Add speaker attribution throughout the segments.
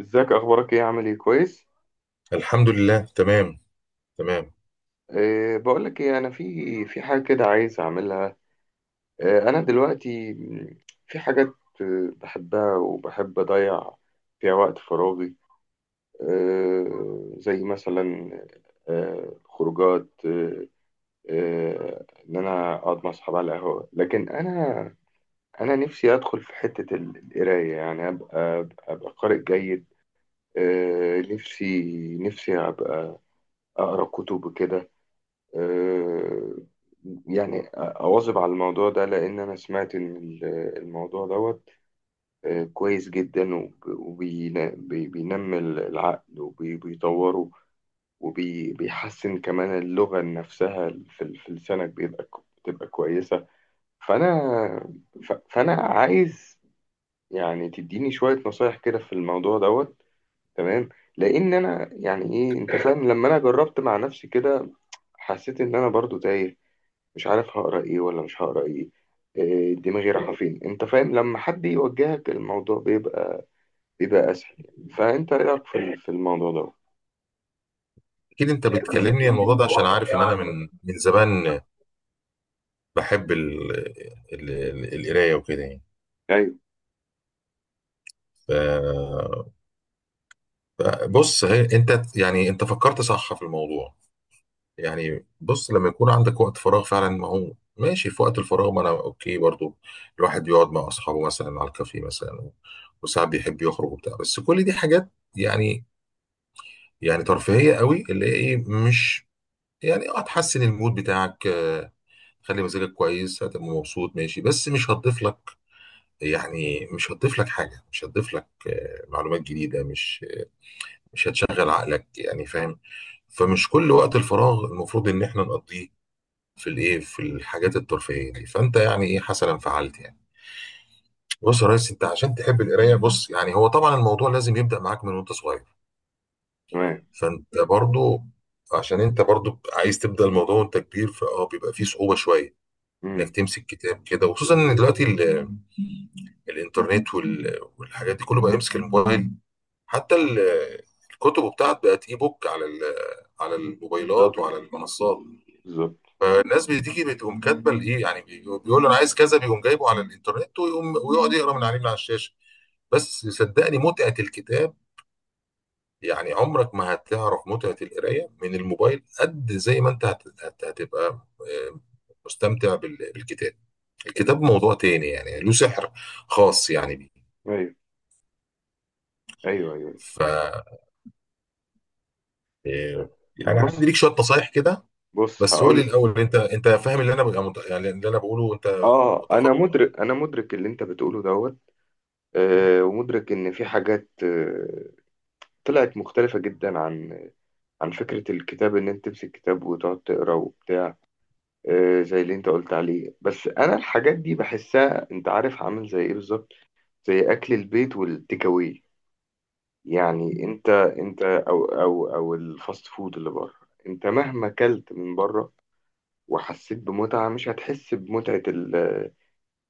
Speaker 1: ازيك، اخبارك ايه؟ عامل ايه؟ كويس.
Speaker 2: الحمد لله، تمام تمام.
Speaker 1: بقول لك ايه، انا في حاجه كده عايز اعملها. انا دلوقتي في حاجات، بحبها وبحب اضيع فيها وقت فراغي. زي مثلا خروجات، ان انا اقعد مع اصحابي على القهوه، لكن انا نفسي ادخل في حته القرايه، يعني ابقى قارئ جيد. أه نفسي نفسي ابقى اقرا كتب كده. آه، يعني أواظب على الموضوع ده، لأن أنا سمعت إن الموضوع دوت كويس جدا، وبينمي العقل وبيطوره، وبيحسن كمان اللغة نفسها في في لسانك، بتبقى كويسة. فأنا فأنا عايز يعني تديني شوية نصايح كده في الموضوع دوت. تمام. لأن أنا، يعني إيه، أنت فاهم؟ لما أنا جربت مع نفسي كده حسيت إن أنا برضو تايه، مش عارف هقرا ايه ولا مش هقرا ايه، إيه، دماغي رايحه فين. انت فاهم؟ لما حد يوجهك الموضوع بيبقى اسهل يعني. فانت ايه رايك في في الموضوع ده؟
Speaker 2: اكيد انت بتكلمني عن الموضوع ده عشان عارف ان انا من زمان بحب القرايه وكده يعني.
Speaker 1: ايوه.
Speaker 2: ف- بص، هي انت يعني، انت فكرت صح في الموضوع. يعني بص، لما يكون عندك وقت فراغ فعلا، ما هو ماشي. في وقت الفراغ ما انا اوكي برضو الواحد يقعد مع اصحابه مثلا على الكافيه مثلا، وساعات بيحب يخرج وبتاع، بس كل دي حاجات يعني يعني ترفيهيه قوي، اللي هي ايه، مش يعني اه، تحسن المود بتاعك، خلي مزاجك كويس، هتبقى مبسوط ماشي، بس مش هتضيف لك يعني، مش هتضيف لك حاجة، مش هتضيف لك معلومات جديدة، مش هتشغل عقلك يعني، فاهم. فمش كل وقت الفراغ المفروض ان احنا نقضيه في الايه، في الحاجات الترفيهية دي. فانت يعني ايه، حسنا فعلت يعني. بص يا ريس، انت عشان تحب القراية، بص يعني هو طبعا الموضوع لازم يبدأ معاك من وانت صغير.
Speaker 1: تمام.
Speaker 2: فانت برضو، عشان انت برضو عايز تبدأ الموضوع وانت كبير، بيبقى فيه صعوبة شوية انك
Speaker 1: امم.
Speaker 2: تمسك كتاب كده، وخصوصا ان دلوقتي الانترنت والحاجات دي كله، بقى يمسك الموبايل، حتى الكتب بتاعت بقت اي بوك على على
Speaker 1: بالظبط.
Speaker 2: الموبايلات وعلى المنصات.
Speaker 1: بالظبط.
Speaker 2: فالناس بتيجي بتقوم كاتبه الايه يعني، بيقول له انا عايز كذا، بيقوم جايبه على الانترنت، ويقوم ويقعد يقرا من عليه، من على الشاشه. بس صدقني متعه الكتاب، يعني عمرك ما هتعرف متعه القرايه من الموبايل قد زي ما انت هتبقى آه، مستمتع بالكتاب. الكتاب موضوع تاني يعني، له سحر خاص يعني بيه.
Speaker 1: ايوه، ايوه، ايوه.
Speaker 2: ف إيه، يعني
Speaker 1: بص.
Speaker 2: عندي ليك شويه نصايح كده.
Speaker 1: بص
Speaker 2: بس قول لي
Speaker 1: هقول
Speaker 2: الاول، انت فاهم اللي انا ببقى يعني اللي انا بقوله، انت
Speaker 1: اه
Speaker 2: متخصص.
Speaker 1: انا مدرك، انا مدرك اللي انت بتقوله دوت. ومدرك ان في حاجات طلعت مختلفه جدا عن فكره الكتاب، ان انت تمسك كتاب وتقعد تقرا وبتاع، زي اللي انت قلت عليه. بس انا الحاجات دي بحسها، انت عارف عامل زي ايه بالظبط؟ زي اكل البيت والتيك اواي يعني. انت او الفاست فود اللي بره، انت مهما كلت من بره وحسيت بمتعة، مش هتحس بمتعة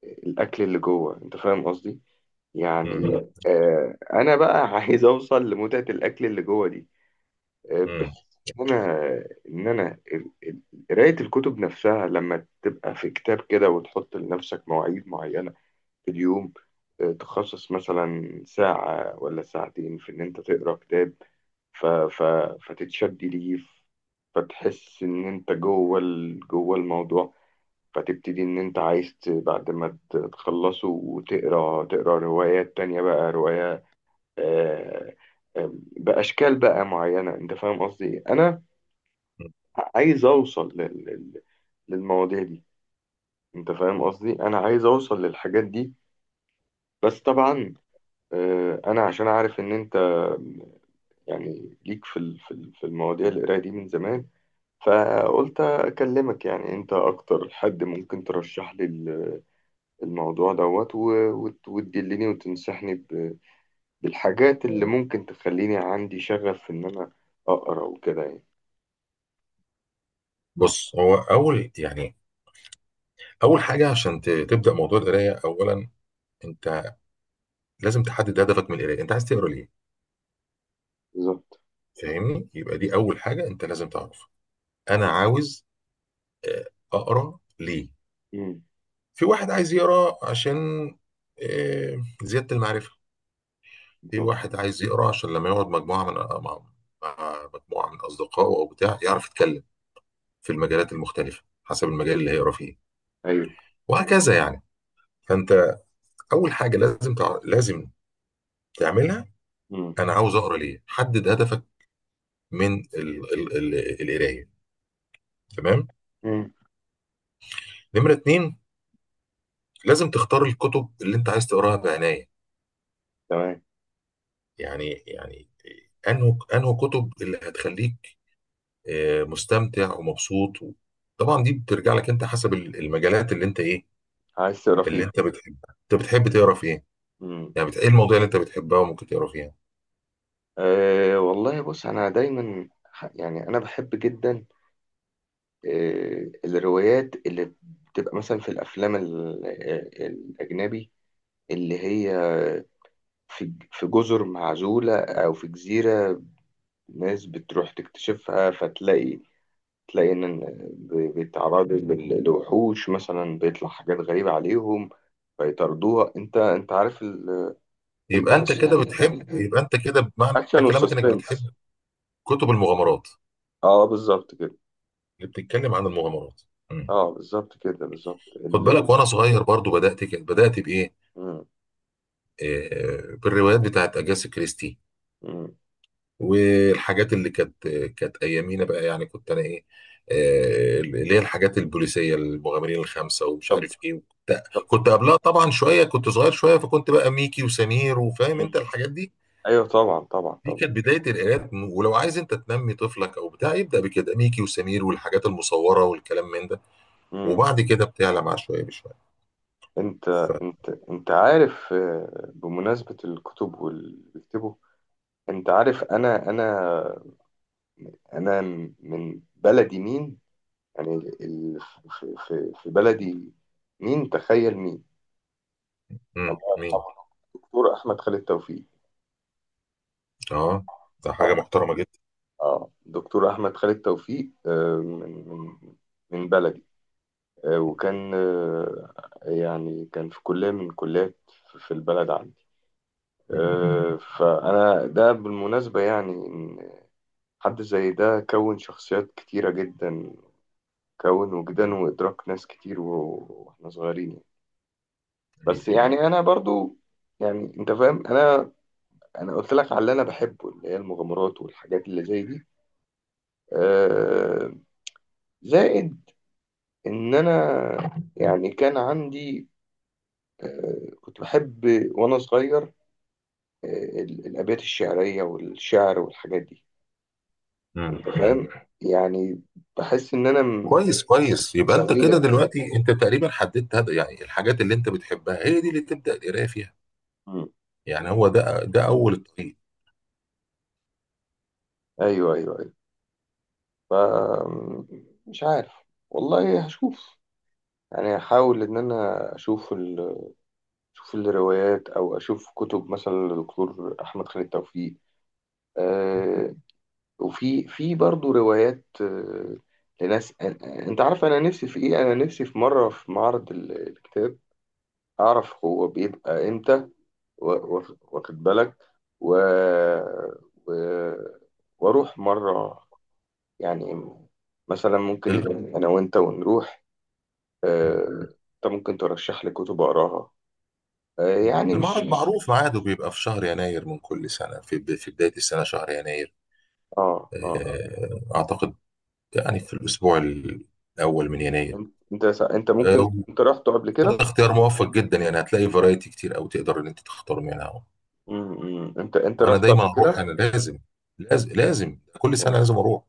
Speaker 1: الاكل اللي جوه. انت فاهم قصدي يعني.
Speaker 2: مم.
Speaker 1: انا بقى عايز اوصل لمتعة الاكل اللي جوه دي.
Speaker 2: مم.
Speaker 1: بحس ان انا، قرايه الكتب نفسها لما تبقى في كتاب كده، وتحط لنفسك مواعيد معينه في اليوم، تخصص مثلا ساعه ولا ساعتين في ان انت تقرا كتاب، ف ف فتتشد ليه، فتحس ان انت جوه جوه الموضوع. فتبتدي ان انت عايز، بعد ما تخلصه، وتقرا روايات تانية، بقى رواية آه، آه، بأشكال بقى معينة. انت فاهم قصدي إيه؟ انا عايز اوصل للمواضيع دي. انت فاهم قصدي؟ انا عايز اوصل للحاجات دي. بس طبعا، انا عشان عارف ان انت يعني ليك في في المواضيع القرايه دي من زمان، فقلت اكلمك. يعني انت اكتر حد ممكن ترشح لي الموضوع دوت، وتدلني وتنصحني بالحاجات اللي ممكن تخليني عندي شغف في ان انا اقرا وكده يعني.
Speaker 2: بص هو اول يعني، اول حاجه عشان تبدا موضوع القرايه، اولا انت لازم تحدد هدفك من القرايه، انت عايز تقرا ليه،
Speaker 1: بالظبط.
Speaker 2: فاهمني؟ يبقى دي اول حاجه انت لازم تعرفها. انا
Speaker 1: مم.
Speaker 2: عاوز آه، اقرا ليه.
Speaker 1: مم.
Speaker 2: في واحد عايز يقرا عشان زياده المعرفه. في
Speaker 1: بالظبط.
Speaker 2: واحد عايز يقرا عشان لما يقعد مجموعه من مع مع مجموعه من اصدقائه او بتاع، يعرف يتكلم في المجالات المختلفه حسب المجال اللي هيقرا فيه،
Speaker 1: ايوه.
Speaker 2: وهكذا يعني. فانت اول حاجه لازم لازم تعملها،
Speaker 1: مم.
Speaker 2: انا عاوز اقرا ليه، حدد هدفك من القرايه، تمام.
Speaker 1: مم.
Speaker 2: نمره اتنين، لازم تختار الكتب اللي انت عايز تقراها بعنايه،
Speaker 1: تمام.
Speaker 2: يعني انه كتب اللي هتخليك مستمتع ومبسوط. طبعا دي بترجع لك انت، حسب المجالات، اللي انت ايه،
Speaker 1: عايز تقرا
Speaker 2: اللي
Speaker 1: فيه.
Speaker 2: انت بتحبها. انت بتحب تقرا في ايه
Speaker 1: امم.
Speaker 2: يعني، ايه المواضيع اللي انت بتحبها وممكن تقرا فيها؟
Speaker 1: والله، بص، انا دايما يعني انا بحب جدا الروايات اللي بتبقى مثلا في الافلام الاجنبي، اللي هي في جزر معزولة او في جزيرة، ناس بتروح تكتشفها، فتلاقي ان بيتعرضوا لوحوش مثلا، بيطلع حاجات غريبة عليهم فيطاردوها. انت عارف،
Speaker 2: يبقى انت
Speaker 1: الاكشن،
Speaker 2: كده بتحب، يبقى انت كده بمعنى
Speaker 1: الاكشن
Speaker 2: كلامك انك بتحب
Speaker 1: والسسبنس.
Speaker 2: كتب المغامرات،
Speaker 1: اه، بالظبط كده.
Speaker 2: اللي بتتكلم عن المغامرات. مم.
Speaker 1: اه، بالظبط كده، بالظبط
Speaker 2: خد بالك،
Speaker 1: اللاوي.
Speaker 2: وانا صغير برضو بدات كده، بدات بايه،
Speaker 1: مم.
Speaker 2: بالروايات بتاعت اجاسا كريستي،
Speaker 1: مم.
Speaker 2: والحاجات اللي كانت ايامينا بقى، يعني كنت انا ايه، اللي هي الحاجات البوليسيه، المغامرين الخمسه، ومش
Speaker 1: طب.
Speaker 2: عارف ايه. كنت
Speaker 1: طب.
Speaker 2: كنت قبلها طبعا شويه، كنت صغير شويه، فكنت بقى ميكي وسمير، وفاهم انت
Speaker 1: مم.
Speaker 2: الحاجات دي.
Speaker 1: ايوه، طبعا، طبعا،
Speaker 2: دي
Speaker 1: طبعا.
Speaker 2: كانت بداية القراءات، ولو عايز انت تنمي طفلك او بتاع يبدأ بكده، ميكي وسمير والحاجات المصورة والكلام من ده،
Speaker 1: مم.
Speaker 2: وبعد كده بتعلى مع شوية بشوية.
Speaker 1: انت
Speaker 2: ف
Speaker 1: انت عارف، بمناسبة الكتب واللي بيكتبوا، انت عارف، انا من بلدي مين، يعني في بلدي مين، تخيل مين. الله
Speaker 2: مم. مين؟
Speaker 1: يرحمه، دكتور احمد خالد توفيق.
Speaker 2: اه، ده حاجة
Speaker 1: اه.
Speaker 2: محترمة جدا.
Speaker 1: اه، دكتور احمد خالد توفيق، من بلدي، وكان، يعني كان في كلية من الكليات في البلد عندي.
Speaker 2: مم.
Speaker 1: فأنا ده بالمناسبة يعني، إن حد زي ده كون شخصيات كتيرة جدا، كون وجدان وإدراك ناس كتير وإحنا صغيرين يعني.
Speaker 2: ايوه.
Speaker 1: بس يعني أنا برضو، يعني أنت فاهم، أنا أنا قلت لك على اللي أنا بحبه، اللي هي المغامرات والحاجات اللي زي دي، آه، زائد إن أنا يعني كان عندي، كنت بحب وأنا صغير الأبيات الشعرية والشعر والحاجات دي.
Speaker 2: مم.
Speaker 1: أنت
Speaker 2: مم.
Speaker 1: فاهم؟ يعني بحس إن أنا
Speaker 2: كويس كويس، يبقى انت
Speaker 1: زميل
Speaker 2: كده
Speaker 1: الأمانة.
Speaker 2: دلوقتي انت تقريبا حددت هذا يعني، الحاجات اللي انت بتحبها هي دي اللي تبدأ القراءة فيها،
Speaker 1: مم.
Speaker 2: يعني هو ده اول الطريق.
Speaker 1: أيوه، أيوه، أيوه. ف مش عارف، والله هشوف. يعني هحاول إن أنا أشوف أشوف الروايات، أو أشوف كتب مثلا للدكتور أحمد خالد توفيق. آه وفي برضه روايات، لناس أنت عارف، أنا نفسي في إيه؟ أنا نفسي في مرة في معرض الكتاب، أعرف هو بيبقى إمتى، واخد بالك، و... و... واروح مره يعني، مثلا ممكن
Speaker 2: ال-
Speaker 1: نتفق انا وانت ونروح.
Speaker 2: مم.
Speaker 1: آه، انت ممكن ترشح لي كتب اقراها، يعني مش
Speaker 2: المعرض
Speaker 1: مش
Speaker 2: معروف ميعاده بيبقى في شهر يناير من كل سنة، في بداية السنة شهر يناير،
Speaker 1: اه، اه.
Speaker 2: اعتقد يعني في الأسبوع الأول من يناير. آه،
Speaker 1: انت رحت قبل
Speaker 2: وده
Speaker 1: كده؟
Speaker 2: اختيار موفق جدا يعني، هتلاقي فرايتي كتير أوي تقدر إن أنت تختار منها.
Speaker 1: انت
Speaker 2: وأنا
Speaker 1: رحت
Speaker 2: دايما
Speaker 1: قبل
Speaker 2: أروح،
Speaker 1: كده؟
Speaker 2: أنا لازم لازم لازم كل سنة لازم أروح.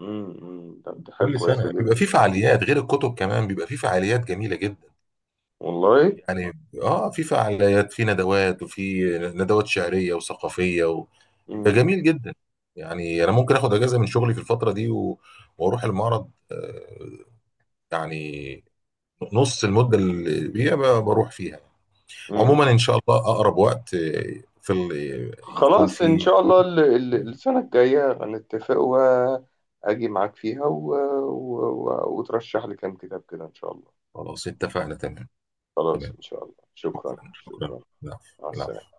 Speaker 1: طب، دي حاجه
Speaker 2: كل
Speaker 1: كويسه
Speaker 2: سنة بيبقى
Speaker 1: جدا.
Speaker 2: في فعاليات غير الكتب كمان، بيبقى في فعاليات جميلة جدا
Speaker 1: والله.
Speaker 2: يعني، في فعاليات، في ندوات، وفي ندوات شعرية وثقافية بيبقى جميل جدا يعني. أنا ممكن آخد أجازة من شغلي في الفترة دي وأروح المعرض، يعني نص المدة اللي بيها بروح فيها.
Speaker 1: امم.
Speaker 2: عموما ان شاء الله اقرب وقت في ال... يكون
Speaker 1: خلاص إن
Speaker 2: فيه.
Speaker 1: شاء الله السنة الجاية هنتفق وأجي معاك فيها، وترشح لي كام كتاب كده إن شاء الله.
Speaker 2: خلاص اتفقنا، تمام
Speaker 1: خلاص
Speaker 2: تمام،
Speaker 1: إن شاء الله، شكرا،
Speaker 2: شكرا شكرا،
Speaker 1: شكرا.
Speaker 2: العفو
Speaker 1: مع
Speaker 2: العفو.
Speaker 1: السلامة.